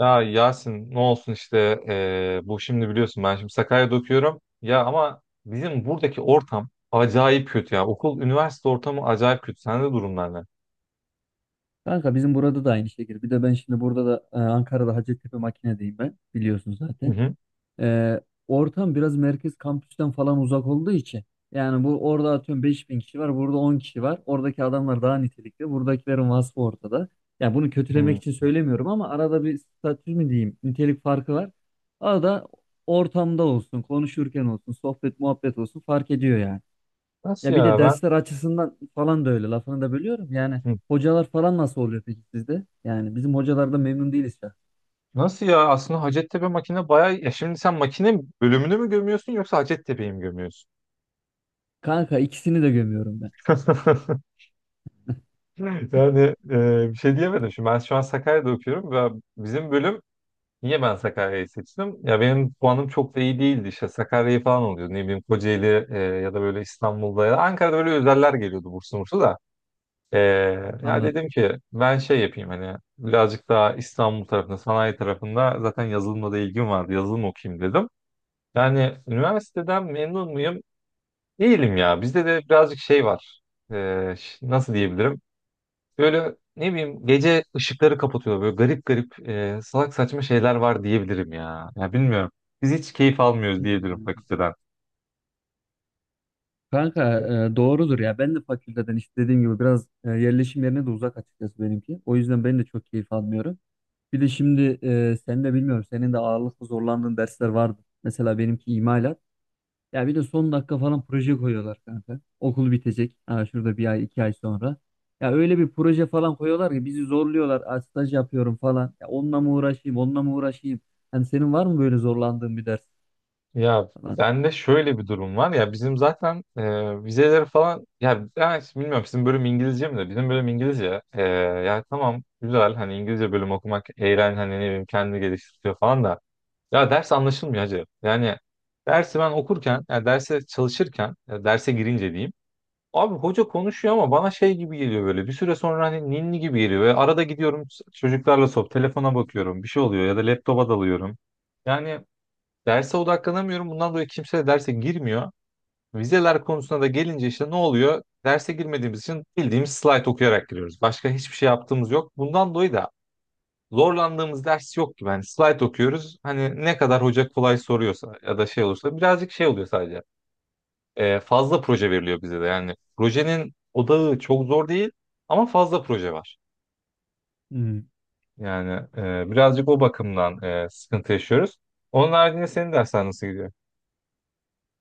Ya Yasin, ne olsun işte bu şimdi biliyorsun, ben şimdi Sakarya'da okuyorum. Ya ama bizim buradaki ortam acayip kötü ya. Okul, üniversite ortamı acayip kötü. Sende durumlar ne? Kanka bizim burada da aynı şekilde. Bir de ben şimdi burada da Ankara'da Hacettepe makinedeyim ben. Biliyorsun Hı zaten. hı. E, Ortam biraz merkez kampüsten falan uzak olduğu için. Yani bu orada atıyorum 5000 kişi var. Burada 10 kişi var. Oradaki adamlar daha nitelikli. Buradakilerin vasfı ortada. Yani bunu kötülemek Hı. için söylemiyorum ama arada bir statü mü diyeyim nitelik farkı var. Arada ortamda olsun, konuşurken olsun, sohbet muhabbet olsun fark ediyor yani. Nasıl Ya bir de ya ben? dersler açısından falan da öyle. Lafını da bölüyorum. Yani Hı. hocalar falan nasıl oluyor peki sizde? Yani bizim hocalardan memnun değiliz ya. Nasıl ya? Aslında Hacettepe makine bayağı... Ya şimdi sen makine bölümünü mü gömüyorsun, yoksa Hacettepe'yi mi gömüyorsun? Kanka ikisini de gömüyorum ben. Yani bir şey diyemedim. Şimdi ben şu an Sakarya'da okuyorum ve bizim bölüm, niye ben Sakarya'yı seçtim? Ya benim puanım çok da iyi değildi. İşte Sakarya'yı falan oluyordu. Ne bileyim, Kocaeli, ya da böyle İstanbul'da ya da Ankara'da böyle özeller geliyordu, burslu burslu da. E, ya Anladım. dedim ki ben şey yapayım, hani birazcık daha İstanbul tarafında, sanayi tarafında, zaten yazılımla da ilgim vardı. Yazılım okuyayım dedim. Yani üniversiteden memnun muyum? Değilim ya. Bizde de birazcık şey var. Nasıl diyebilirim? Böyle ne bileyim, gece ışıkları kapatıyor. Böyle garip garip, salak saçma şeyler var, diyebilirim ya. Ya bilmiyorum. Biz hiç keyif almıyoruz diyebilirim Hmm. fakülteden. Kanka, doğrudur ya. Ben de fakülteden işte dediğim gibi biraz, yerleşim yerine de uzak açıkçası benimki. O yüzden ben de çok keyif almıyorum. Bir de şimdi, sen de bilmiyorum. Senin de ağırlıklı zorlandığın dersler vardı. Mesela benimki imalat. Ya bir de son dakika falan proje koyuyorlar kanka. Okul bitecek. Ha, şurada bir ay iki ay sonra. Ya öyle bir proje falan koyuyorlar ki bizi zorluyorlar. "Aa, staj yapıyorum falan. Ya onunla mı uğraşayım, onunla mı uğraşayım? Hani senin var mı böyle zorlandığın bir ders Ya falan? bende şöyle bir durum var ya, bizim zaten vizeleri falan, ya ben hiç bilmiyorum, sizin bölüm İngilizce mi, de bizim bölüm İngilizce. Ya tamam, güzel, hani İngilizce bölüm okumak eğlen, hani ne bileyim, kendini geliştiriyor falan da, ya ders anlaşılmıyor hacı yani. Dersi ben okurken, ya derse çalışırken, ya derse girince diyeyim, abi hoca konuşuyor ama bana şey gibi geliyor böyle. Bir süre sonra hani ninni gibi geliyor. Ve arada gidiyorum, çocuklarla sohbet, telefona bakıyorum. Bir şey oluyor ya da laptopa dalıyorum. Yani derse odaklanamıyorum. Bundan dolayı kimse de derse girmiyor. Vizeler konusuna da gelince işte ne oluyor? Derse girmediğimiz için bildiğimiz slide okuyarak giriyoruz. Başka hiçbir şey yaptığımız yok. Bundan dolayı da zorlandığımız ders yok gibi. Hani slide okuyoruz. Hani ne kadar hoca kolay soruyorsa ya da şey olursa birazcık şey oluyor sadece. Fazla proje veriliyor bize de. Yani projenin odağı çok zor değil, ama fazla proje var. Hmm. Yani birazcık o bakımdan sıkıntı yaşıyoruz. Onun haricinde senin dersler nasıl gidiyor?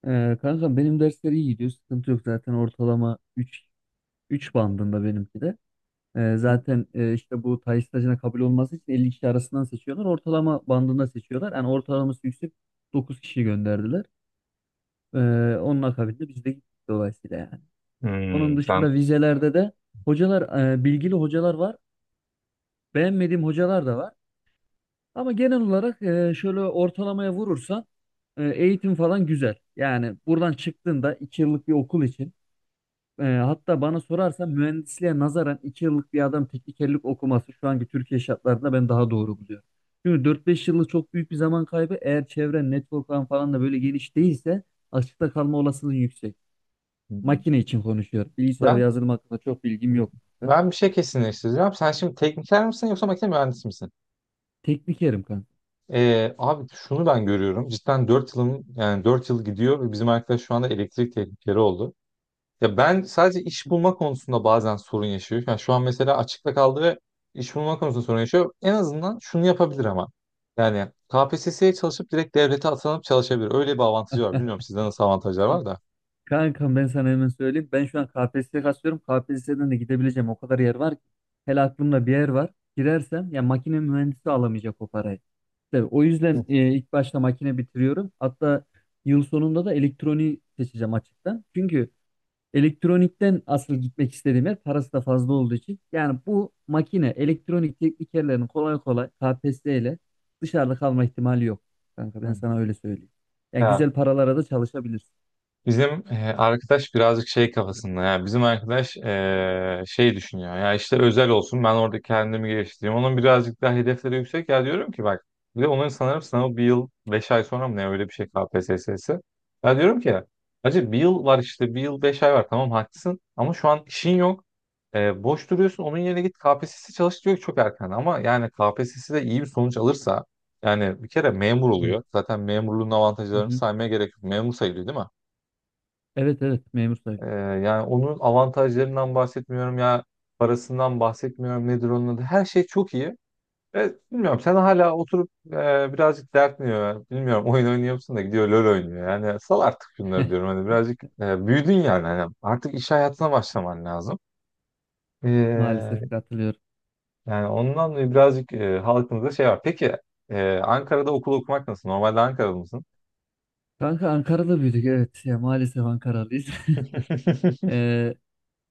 Kanka benim dersler iyi gidiyor. Sıkıntı yok zaten ortalama üç bandında benimki de. Zaten, işte bu tay stajına kabul olması için 50 kişi arasından seçiyorlar. Ortalama bandında seçiyorlar. Yani ortalaması yüksek 9 kişi gönderdiler. Ee, Onun akabinde biz de gittik dolayısıyla yani. Onun Hmm, sen. dışında vizelerde de hocalar, bilgili hocalar var. Beğenmediğim hocalar da var. Ama genel olarak, şöyle ortalamaya vurursan, eğitim falan güzel. Yani buradan çıktığında 2 yıllık bir okul için, hatta bana sorarsan mühendisliğe nazaran 2 yıllık bir adam teknikerlik okuması şu anki Türkiye şartlarında ben daha doğru buluyorum. Çünkü 4-5 yıllık çok büyük bir zaman kaybı. Eğer çevren, network'ın falan da böyle geniş değilse açıkta kalma olasılığın yüksek. Makine için konuşuyorum. Bilgisayar ve Ben yazılım hakkında çok bilgim yok kanka. ben bir şey kesinleştireceğim. Sen şimdi tekniker misin, yoksa makine mühendisi misin? Teknikerim kanka. Abi, şunu ben görüyorum. Cidden 4 yılım, yani 4 yıl gidiyor ve bizim arkadaş şu anda elektrik teknikeri oldu. Ya ben sadece iş bulma konusunda bazen sorun yaşıyorum. Yani şu an mesela açıkta kaldı ve iş bulma konusunda sorun yaşıyor. En azından şunu yapabilir ama. Yani KPSS'ye çalışıp direkt devlete atanıp çalışabilir. Öyle bir avantajı var. Bilmiyorum sizde nasıl avantajlar var da. Kankam ben sana hemen söyleyeyim. Ben şu an KPSS'ye kasıyorum. KPSS'den de gidebileceğim o kadar yer var ki. Hele aklımda bir yer var. Girersem ya makine mühendisi alamayacak o parayı. Tabii, o yüzden, Hı. İlk başta makine bitiriyorum. Hatta yıl sonunda da elektroniği seçeceğim açıktan. Çünkü elektronikten asıl gitmek istediğim yer parası da fazla olduğu için. Yani bu makine elektronik teknikerlerin kolay kolay KPSS ile dışarıda kalma ihtimali yok. Kanka ben Hı. sana öyle söyleyeyim. Yani Ya güzel paralara da çalışabilirsin. bizim arkadaş birazcık şey kafasında, ya bizim arkadaş şey düşünüyor, ya işte özel olsun, ben orada kendimi geliştireyim, onun birazcık daha hedefleri yüksek. Ya diyorum ki bak, bir de onların sanırım sınavı bir yıl beş ay sonra mı ne, öyle bir şey KPSS'si. Ya diyorum ki acı, bir yıl var işte, bir yıl beş ay var, tamam haklısın, ama şu an işin yok. Boş duruyorsun, onun yerine git KPSS çalış. Diyor ki çok erken. Ama yani K P S S de iyi bir sonuç alırsa, yani bir kere memur Evet. oluyor, zaten memurluğun Hı avantajlarını hı. saymaya gerek yok, memur sayılıyor değil mi? Evet, evet, memur Ee, sayılıyor. Yani onun avantajlarından bahsetmiyorum ya, parasından bahsetmiyorum, nedir onun adı. Her şey çok iyi. Evet, bilmiyorum, sen hala oturup birazcık dertmiyor. Bilmiyorum, oyun oynuyor musun? Da gidiyor LoL oynuyor. Yani sal artık şunları diyorum. Hani birazcık büyüdün yani. Hani artık iş hayatına başlaman lazım. Ee, Maalesef katılıyorum. Yani ondan dolayı birazcık halkımızda şey var. Peki Ankara'da okul okumak nasıl? Normalde Ankara'da mısın? Kanka Ankara'da büyüdük, evet. Ya, maalesef Ankaralıyız. Ee,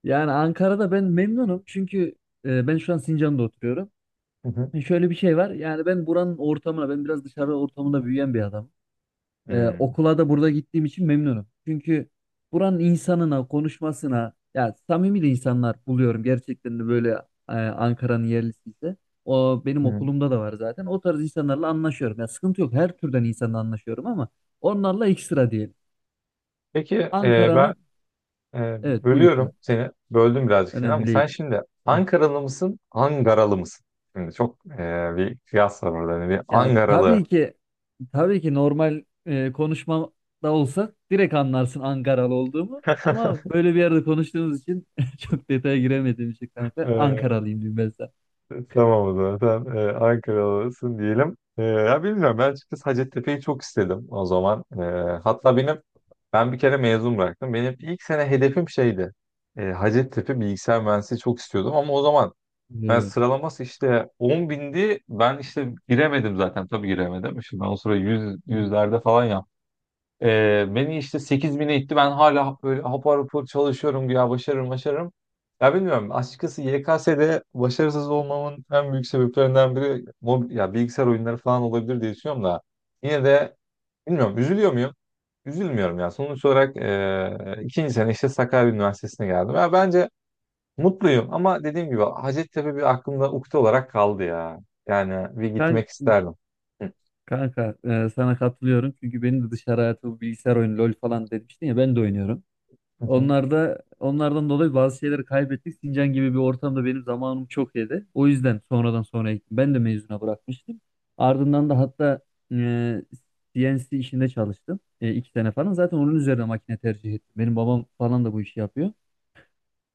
Yani Ankara'da ben memnunum. Çünkü, ben şu an Sincan'da oturuyorum. Hı hı. Şöyle bir şey var. Yani ben buranın ortamına, ben biraz dışarı ortamında büyüyen bir adamım. Hmm. Okula da burada gittiğim için memnunum. Çünkü buranın insanına, konuşmasına, ya samimi de insanlar buluyorum gerçekten de, böyle, Ankara'nın yerlisi ise. O benim okulumda da var zaten. O tarz insanlarla anlaşıyorum. Ya sıkıntı yok. Her türden insanla anlaşıyorum ama onlarla ekstra diyelim. Peki ben. Ankara'nın Ee, evet buyur. Bölüyorum Lan. seni. Böldüm birazcık seni, ama Önemli sen değil. şimdi Ankaralı mısın, Angaralı mısın? Şimdi çok bir kıyas var orada. Hani bir Ya Angaralı. tabii ki tabii ki normal, konuşmada olsa direkt anlarsın Ankaralı olduğumu. Ama böyle bir yerde konuştuğumuz için çok detaya giremediğim için kanka Ee, Ankaralıyım diyeyim ben sana. tamam o zaman. Sen Ankaralısın diyelim. Ya bilmiyorum. Ben açıkçası Hacettepe'yi çok istedim o zaman. Hatta benim, bir kere mezun bıraktım. Benim ilk sene hedefim şeydi. Hacettepe bilgisayar mühendisliği çok istiyordum, ama o zaman ben Hmm. sıralaması işte 10 bindi. Ben işte giremedim zaten. Tabii giremedim. Şimdi ben o sıra 100, yüzlerde falan yaptım. Beni işte 8 bine itti. Ben hala böyle hapar hapar çalışıyorum. Ya başarırım, başarırım. Ya bilmiyorum. Açıkçası YKS'de başarısız olmamın en büyük sebeplerinden biri ya bilgisayar oyunları falan olabilir diye düşünüyorum da. Yine de bilmiyorum. Üzülüyor muyum? Üzülmüyorum ya. Sonuç olarak ikinci sene işte Sakarya Üniversitesi'ne geldim. Ya bence mutluyum, ama dediğim gibi Hacettepe bir aklımda ukde olarak kaldı ya. Yani bir Kan- gitmek isterdim. Kanka, sana katılıyorum çünkü benim de dışarı hayatı bu bilgisayar oyunu LoL falan demiştin ya, ben de oynuyorum. Hı hı. Onlar da onlardan dolayı bazı şeyleri kaybettik. Sincan gibi bir ortamda benim zamanım çok yedi. O yüzden sonradan sonra ektim. Ben de mezuna bırakmıştım. Ardından da hatta, e, CNC işinde çalıştım. 2 sene falan. Zaten onun üzerine makine tercih ettim. Benim babam falan da bu işi yapıyor.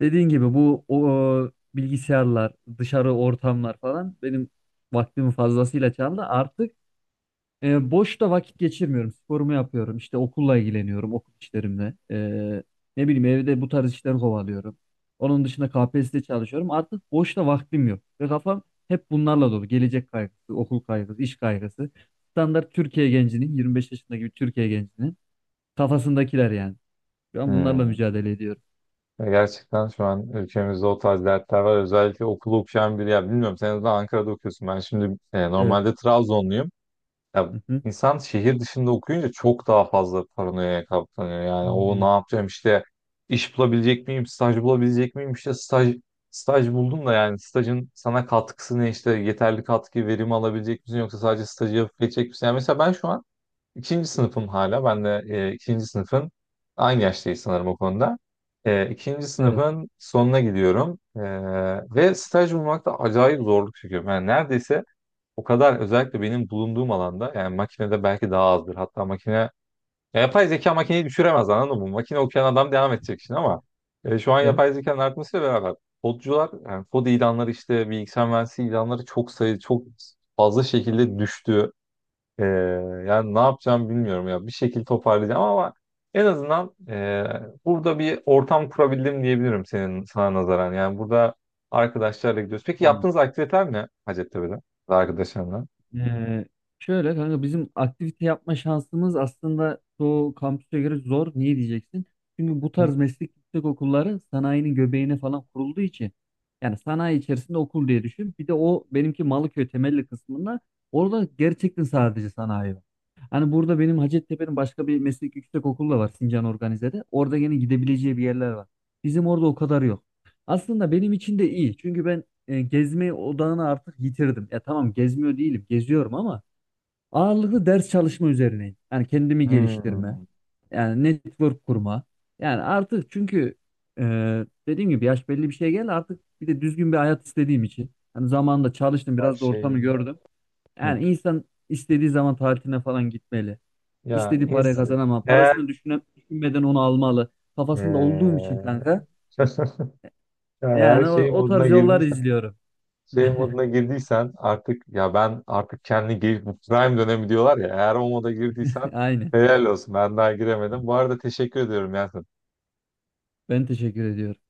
Dediğin gibi bu bilgisayarlar, dışarı ortamlar falan benim vaktimi fazlasıyla çaldı. Artık, boşta vakit geçirmiyorum. Sporumu yapıyorum. İşte okulla ilgileniyorum. Okul işlerimle. Ne bileyim evde bu tarz işler kovalıyorum. Onun dışında KPSS'de çalışıyorum. Artık boşta vaktim yok. Ve kafam hep bunlarla dolu. Gelecek kaygısı, okul kaygısı, iş kaygısı. Standart Türkiye gencinin, 25 yaşındaki bir Türkiye gencinin kafasındakiler yani. Şu an bunlarla Hmm. mücadele ediyorum. Ya gerçekten şu an ülkemizde o tarz dertler var. Özellikle okulu okuyan biri, ya bilmiyorum, sen de Ankara'da okuyorsun. Ben şimdi Evet. normalde Trabzonluyum. Ya Hı hı. insan şehir dışında okuyunca çok daha fazla paranoyaya kaplanıyor. Yani o ne Hmm. yapacağım işte, iş bulabilecek miyim, staj bulabilecek miyim, işte staj buldum da, yani stajın sana katkısı ne, işte yeterli katkı verimi alabilecek misin, yoksa sadece stajı yapıp geçecek misin? Yani mesela ben şu an ikinci sınıfım, hala ben de ikinci sınıfın, aynı yaştayız sanırım o konuda. İkinci Evet. sınıfın sonuna gidiyorum. Ve staj bulmakta acayip zorluk çekiyorum. Yani neredeyse, o kadar, özellikle benim bulunduğum alanda, yani makinede belki daha azdır. Hatta makine, ya yapay zeka makineyi düşüremez, anladın mı? Makine okuyan adam devam edecek şimdi, ama şu an Evet. yapay zekanın artmasıyla beraber kodcular, yani kod ilanları, işte bilgisayar mühendisliği ilanları çok sayı çok fazla şekilde düştü. E, Yani ne yapacağım bilmiyorum, ya bir şekilde toparlayacağım, ama en azından burada bir ortam kurabildim diyebilirim senin, sana nazaran. Yani burada arkadaşlarla gidiyoruz. Peki Hmm. yaptığınız aktiviteler ne Hacettepe'de arkadaşlarla? Ee, Şöyle kanka bizim aktivite yapma şansımız aslında çoğu kampüse göre zor. Niye diyeceksin? Çünkü bu tarz meslek yüksek okulları sanayinin göbeğine falan kurulduğu için yani sanayi içerisinde okul diye düşün. Bir de o benimki Malıköy temelli kısmında orada gerçekten sadece sanayi var. Hani burada benim Hacettepe'nin başka bir meslek yüksek okulu da var Sincan Organize'de. Orada yine gidebileceği bir yerler var. Bizim orada o kadar yok. Aslında benim için de iyi. Çünkü ben, gezme odağını artık yitirdim. Ya tamam, gezmiyor değilim, geziyorum ama ağırlıklı ders çalışma üzerineyim. Yani kendimi geliştirme, Hmm, yani network kurma. Yani artık çünkü, e, dediğim gibi yaş belli bir şeye geldi artık, bir de düzgün bir hayat istediğim için. Hani zamanında çalıştım, ya biraz da şey ortamı gördüm. Hı. Yani insan istediği zaman tatiline falan gitmeli. ya İstediği parayı ins kazanamam. eğer Parasını düşüne, düşünmeden onu almalı. Kafasında olduğum eee, için kanka. ya eğer Yani o, şey o moduna tarz yollar girdiysen izliyorum. şey moduna girdiysen artık, ya ben artık bu prime dönemi diyorlar ya, eğer o moda girdiysen Aynen. helal olsun, ben daha giremedim. Bu arada teşekkür ediyorum ya. Ben teşekkür ediyorum.